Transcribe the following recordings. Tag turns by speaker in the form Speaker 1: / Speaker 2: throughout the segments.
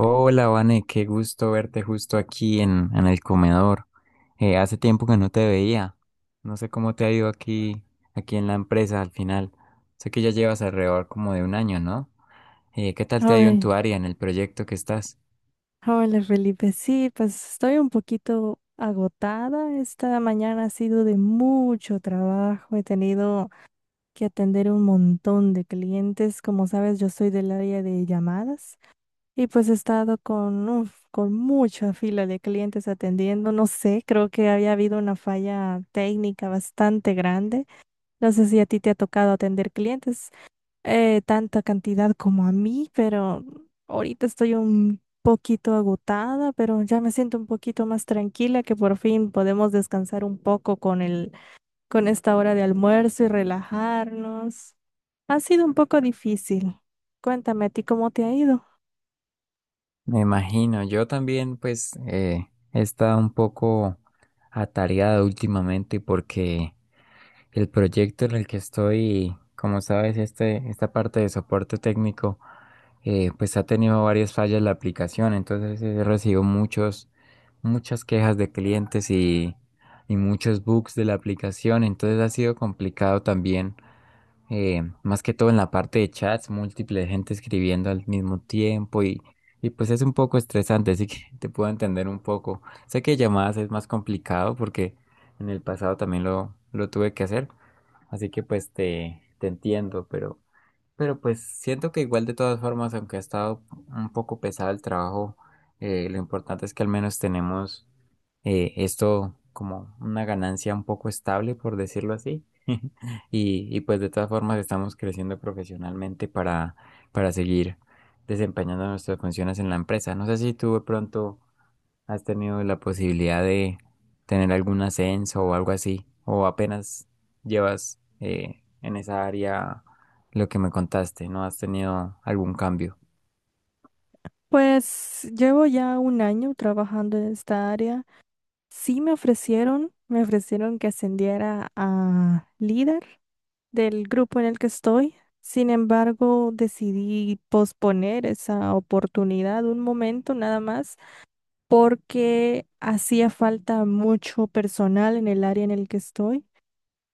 Speaker 1: Hola, Vane, qué gusto verte justo aquí en el comedor. Hace tiempo que no te veía. No sé cómo te ha ido aquí, aquí en la empresa al final. Sé que ya llevas alrededor como de un año, ¿no? ¿Qué tal te ha ido en
Speaker 2: Ay,
Speaker 1: tu área, en el proyecto que estás?
Speaker 2: hola Felipe. Sí, pues estoy un poquito agotada. Esta mañana ha sido de mucho trabajo. He tenido que atender un montón de clientes. Como sabes, yo soy del área de llamadas y pues he estado con, uf, con mucha fila de clientes atendiendo. No sé, creo que había habido una falla técnica bastante grande. No sé si a ti te ha tocado atender clientes tanta cantidad como a mí, pero ahorita estoy un poquito agotada, pero ya me siento un poquito más tranquila que por fin podemos descansar un poco con esta hora de almuerzo y relajarnos. Ha sido un poco difícil. Cuéntame a ti cómo te ha ido.
Speaker 1: Me imagino, yo también pues he estado un poco atareado últimamente porque el proyecto en el que estoy, como sabes, esta parte de soporte técnico, pues ha tenido varias fallas la aplicación, entonces he recibido muchas quejas de clientes y muchos bugs de la aplicación, entonces ha sido complicado también, más que todo en la parte de chats, múltiple gente escribiendo al mismo tiempo y pues es un poco estresante, así que te puedo entender un poco. Sé que llamadas es más complicado porque en el pasado también lo tuve que hacer. Así que pues te entiendo, pero pues siento que igual de todas formas, aunque ha estado un poco pesado el trabajo, lo importante es que al menos tenemos esto como una ganancia un poco estable, por decirlo así. Y pues de todas formas estamos creciendo profesionalmente para seguir desempeñando nuestras funciones en la empresa. No sé si tú de pronto, ¿has tenido la posibilidad de tener algún ascenso o algo así? ¿O apenas llevas en esa área lo que me contaste? ¿No has tenido algún cambio?
Speaker 2: Pues llevo ya un año trabajando en esta área. Me ofrecieron que ascendiera a líder del grupo en el que estoy. Sin embargo, decidí posponer esa oportunidad un momento nada más porque hacía falta mucho personal en el área en el que estoy.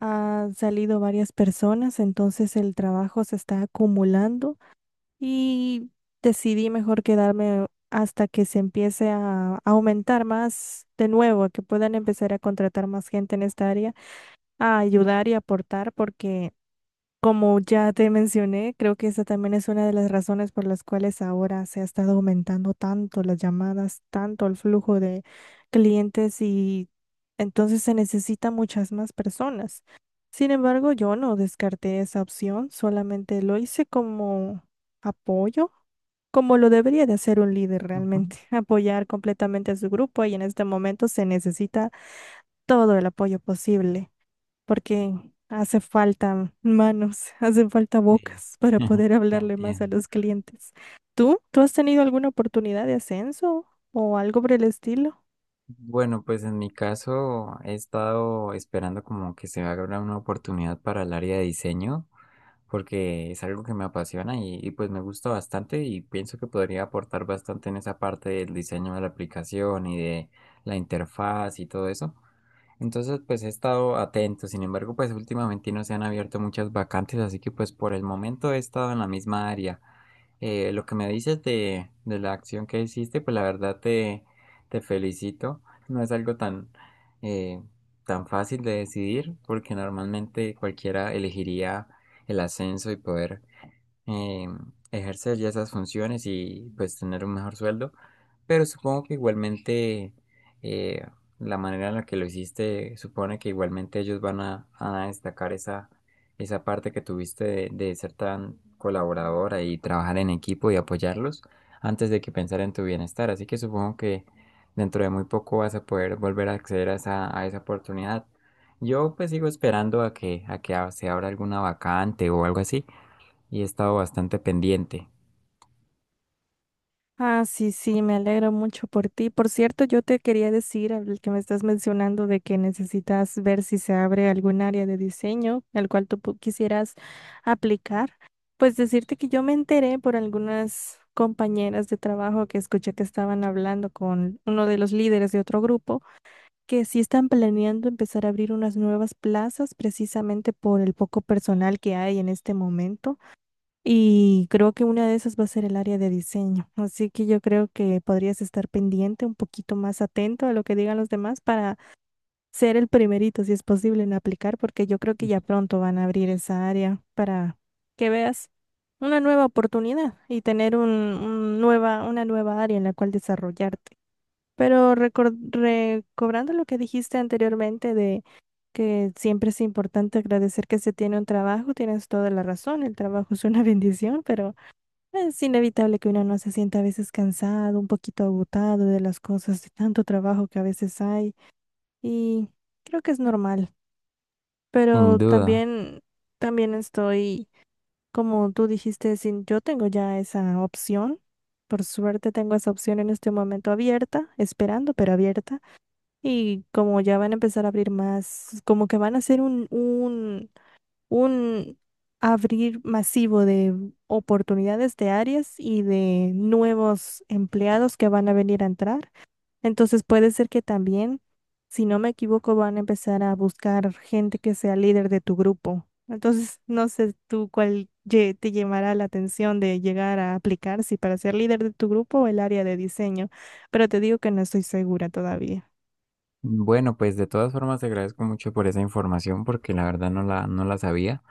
Speaker 2: Han salido varias personas, entonces el trabajo se está acumulando y decidí mejor quedarme hasta que se empiece a aumentar más de nuevo, que puedan empezar a contratar más gente en esta área, a ayudar y aportar porque, como ya te mencioné, creo que esa también es una de las razones por las cuales ahora se ha estado aumentando tanto las llamadas, tanto el flujo de clientes, y entonces se necesitan muchas más personas. Sin embargo, yo no descarté esa opción, solamente lo hice como apoyo, como lo debería de hacer un líder
Speaker 1: Ujú.
Speaker 2: realmente, apoyar completamente a su grupo, y en este momento se necesita todo el apoyo posible porque hace falta manos, hace falta
Speaker 1: Sí.
Speaker 2: bocas para poder hablarle más a
Speaker 1: Entiendo.
Speaker 2: los clientes. ¿Tú? ¿Tú has tenido alguna oportunidad de ascenso o algo por el estilo?
Speaker 1: Bueno, pues en mi caso he estado esperando como que se abra una oportunidad para el área de diseño, porque es algo que me apasiona y pues me gusta bastante y pienso que podría aportar bastante en esa parte del diseño de la aplicación y de la interfaz y todo eso. Entonces pues he estado atento, sin embargo pues últimamente no se han abierto muchas vacantes, así que pues por el momento he estado en la misma área. Lo que me dices de la acción que hiciste, pues la verdad te felicito. No es algo tan, eh, tan fácil de decidir, porque normalmente cualquiera elegiría el ascenso y poder eh, ejercer ya esas funciones y pues tener un mejor sueldo, pero supongo que igualmente eh, la manera en la que lo hiciste supone que igualmente ellos van a destacar esa, esa parte que tuviste de ser tan colaboradora y trabajar en equipo y apoyarlos antes de que pensar en tu bienestar, así que supongo que dentro de muy poco vas a poder volver a acceder a esa oportunidad. Yo pues sigo esperando a a que se abra alguna vacante o algo así y he estado bastante pendiente,
Speaker 2: Ah, sí, sí, me alegro mucho por ti. Por cierto, yo te quería decir, al que me estás mencionando, de que necesitas ver si se abre algún área de diseño al cual tú quisieras aplicar. Pues decirte que yo me enteré por algunas compañeras de trabajo que escuché que estaban hablando con uno de los líderes de otro grupo, que sí están planeando empezar a abrir unas nuevas plazas precisamente por el poco personal que hay en este momento, y creo que una de esas va a ser el área de diseño. Así que yo creo que podrías estar pendiente, un poquito más atento a lo que digan los demás, para ser el primerito, si es posible, en aplicar, porque yo creo que ya pronto van a abrir esa área para que veas una nueva oportunidad y tener una nueva área en la cual desarrollarte. Pero recobrando lo que dijiste anteriormente, de que siempre es importante agradecer que se tiene un trabajo, tienes toda la razón, el trabajo es una bendición, pero es inevitable que uno no se sienta a veces cansado, un poquito agotado de las cosas, de tanto trabajo que a veces hay, y creo que es normal,
Speaker 1: sin
Speaker 2: pero
Speaker 1: duda.
Speaker 2: también, también estoy, como tú dijiste, sin, yo tengo ya esa opción, por suerte tengo esa opción en este momento abierta, esperando, pero abierta. Y como ya van a empezar a abrir más, como que van a hacer un abrir masivo de oportunidades de áreas y de nuevos empleados que van a venir a entrar. Entonces puede ser que también, si no me equivoco, van a empezar a buscar gente que sea líder de tu grupo. Entonces, no sé tú cuál te llamará la atención de llegar a aplicar, si para ser líder de tu grupo o el área de diseño, pero te digo que no estoy segura todavía.
Speaker 1: Bueno, pues de todas formas te agradezco mucho por esa información porque la verdad no no la sabía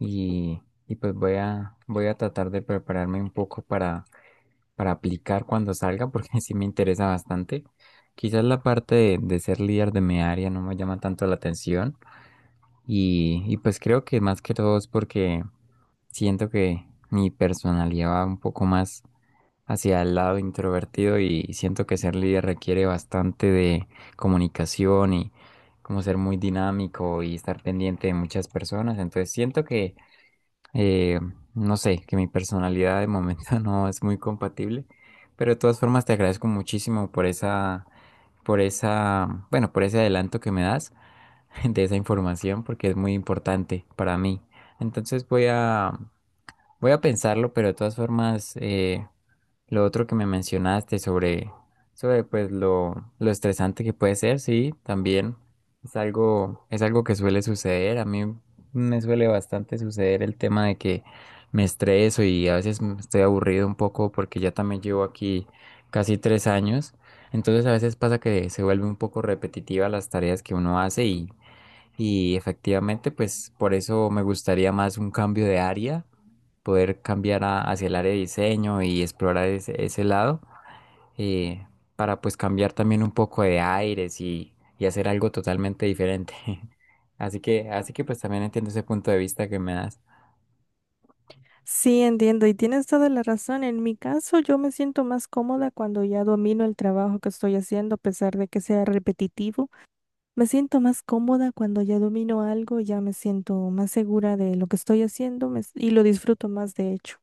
Speaker 1: y, y pues voy voy a tratar de prepararme un poco para aplicar cuando salga porque sí me interesa bastante. Quizás la parte de ser líder de mi área no me llama tanto la atención. Y pues creo que más que todo es porque siento que mi personalidad va un poco más hacia el lado introvertido y siento que ser líder requiere bastante de comunicación y como ser muy dinámico y estar pendiente de muchas personas. Entonces siento que, eh, no sé, que mi personalidad de momento no es muy compatible, pero de todas formas te agradezco muchísimo por esa, bueno, por ese adelanto que me das. De esa información porque es muy importante para mí. Entonces voy voy a pensarlo, pero de todas formas, lo otro que me mencionaste sobre, sobre pues lo estresante que puede ser, sí, también es algo que suele suceder. A mí me suele bastante suceder el tema de que me estreso y a veces estoy aburrido un poco porque ya también llevo aquí casi tres años. Entonces a veces pasa que se vuelve un poco repetitiva las tareas que uno hace y efectivamente, pues por eso me gustaría más un cambio de área, poder cambiar hacia el área de diseño y explorar ese, ese lado, eh, para pues cambiar también un poco de aires y hacer algo totalmente diferente. Así que pues también entiendo ese punto de vista que me das.
Speaker 2: Sí, entiendo y tienes toda la razón. En mi caso, yo me siento más cómoda cuando ya domino el trabajo que estoy haciendo, a pesar de que sea repetitivo. Me siento más cómoda cuando ya domino algo, ya me siento más segura de lo que estoy haciendo y lo disfruto más, de hecho.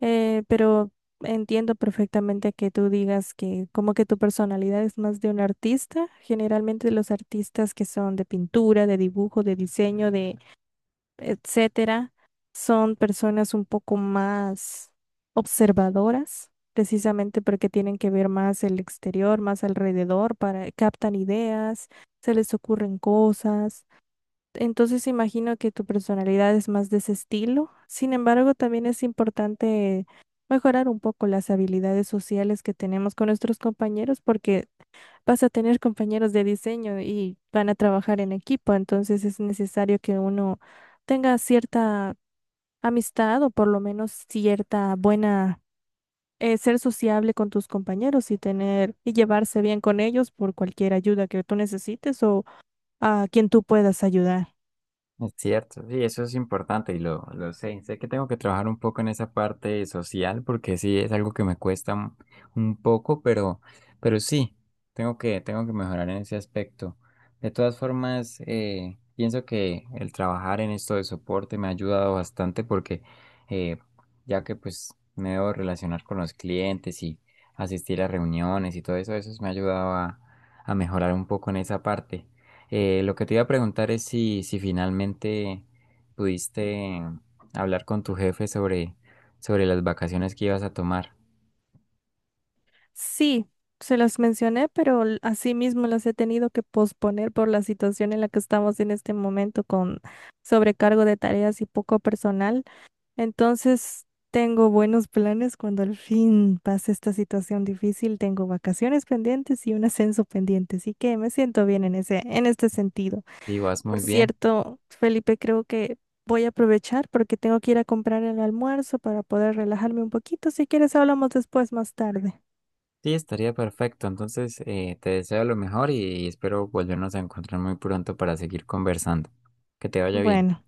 Speaker 2: Pero entiendo perfectamente que tú digas que como que tu personalidad es más de un artista. Generalmente los artistas que son de pintura, de dibujo, de diseño, de etcétera, son personas un poco más observadoras, precisamente porque tienen que ver más el exterior, más alrededor, para captan ideas, se les ocurren cosas. Entonces imagino que tu personalidad es más de ese estilo. Sin embargo, también es importante mejorar un poco las habilidades sociales que tenemos con nuestros compañeros porque vas a tener compañeros de diseño y van a trabajar en equipo, entonces es necesario que uno tenga cierta amistad o por lo menos cierta buena, ser sociable con tus compañeros y tener y llevarse bien con ellos por cualquier ayuda que tú necesites o a quien tú puedas ayudar.
Speaker 1: Es cierto, sí, eso es importante y lo sé. Sé que tengo que trabajar un poco en esa parte social porque sí es algo que me cuesta un poco, pero sí, tengo tengo que mejorar en ese aspecto. De todas formas, pienso que el trabajar en esto de soporte me ha ayudado bastante porque eh, ya que pues me debo relacionar con los clientes y asistir a reuniones y todo eso, eso me ha ayudado a mejorar un poco en esa parte. Lo que te iba a preguntar es si finalmente pudiste hablar con tu jefe sobre, sobre las vacaciones que ibas a tomar.
Speaker 2: Sí. Se las mencioné, pero asimismo las he tenido que posponer por la situación en la que estamos en este momento con sobrecargo de tareas y poco personal. Entonces, tengo buenos planes cuando al fin pase esta situación difícil. Tengo vacaciones pendientes y un ascenso pendiente, así que me siento bien en en este sentido.
Speaker 1: Y vas
Speaker 2: Por
Speaker 1: muy bien.
Speaker 2: cierto, Felipe, creo que voy a aprovechar porque tengo que ir a comprar el almuerzo para poder relajarme un poquito. Si quieres, hablamos después, más tarde.
Speaker 1: Sí, estaría perfecto. Entonces, te deseo lo mejor y espero volvernos a encontrar muy pronto para seguir conversando. Que te vaya bien.
Speaker 2: Bueno.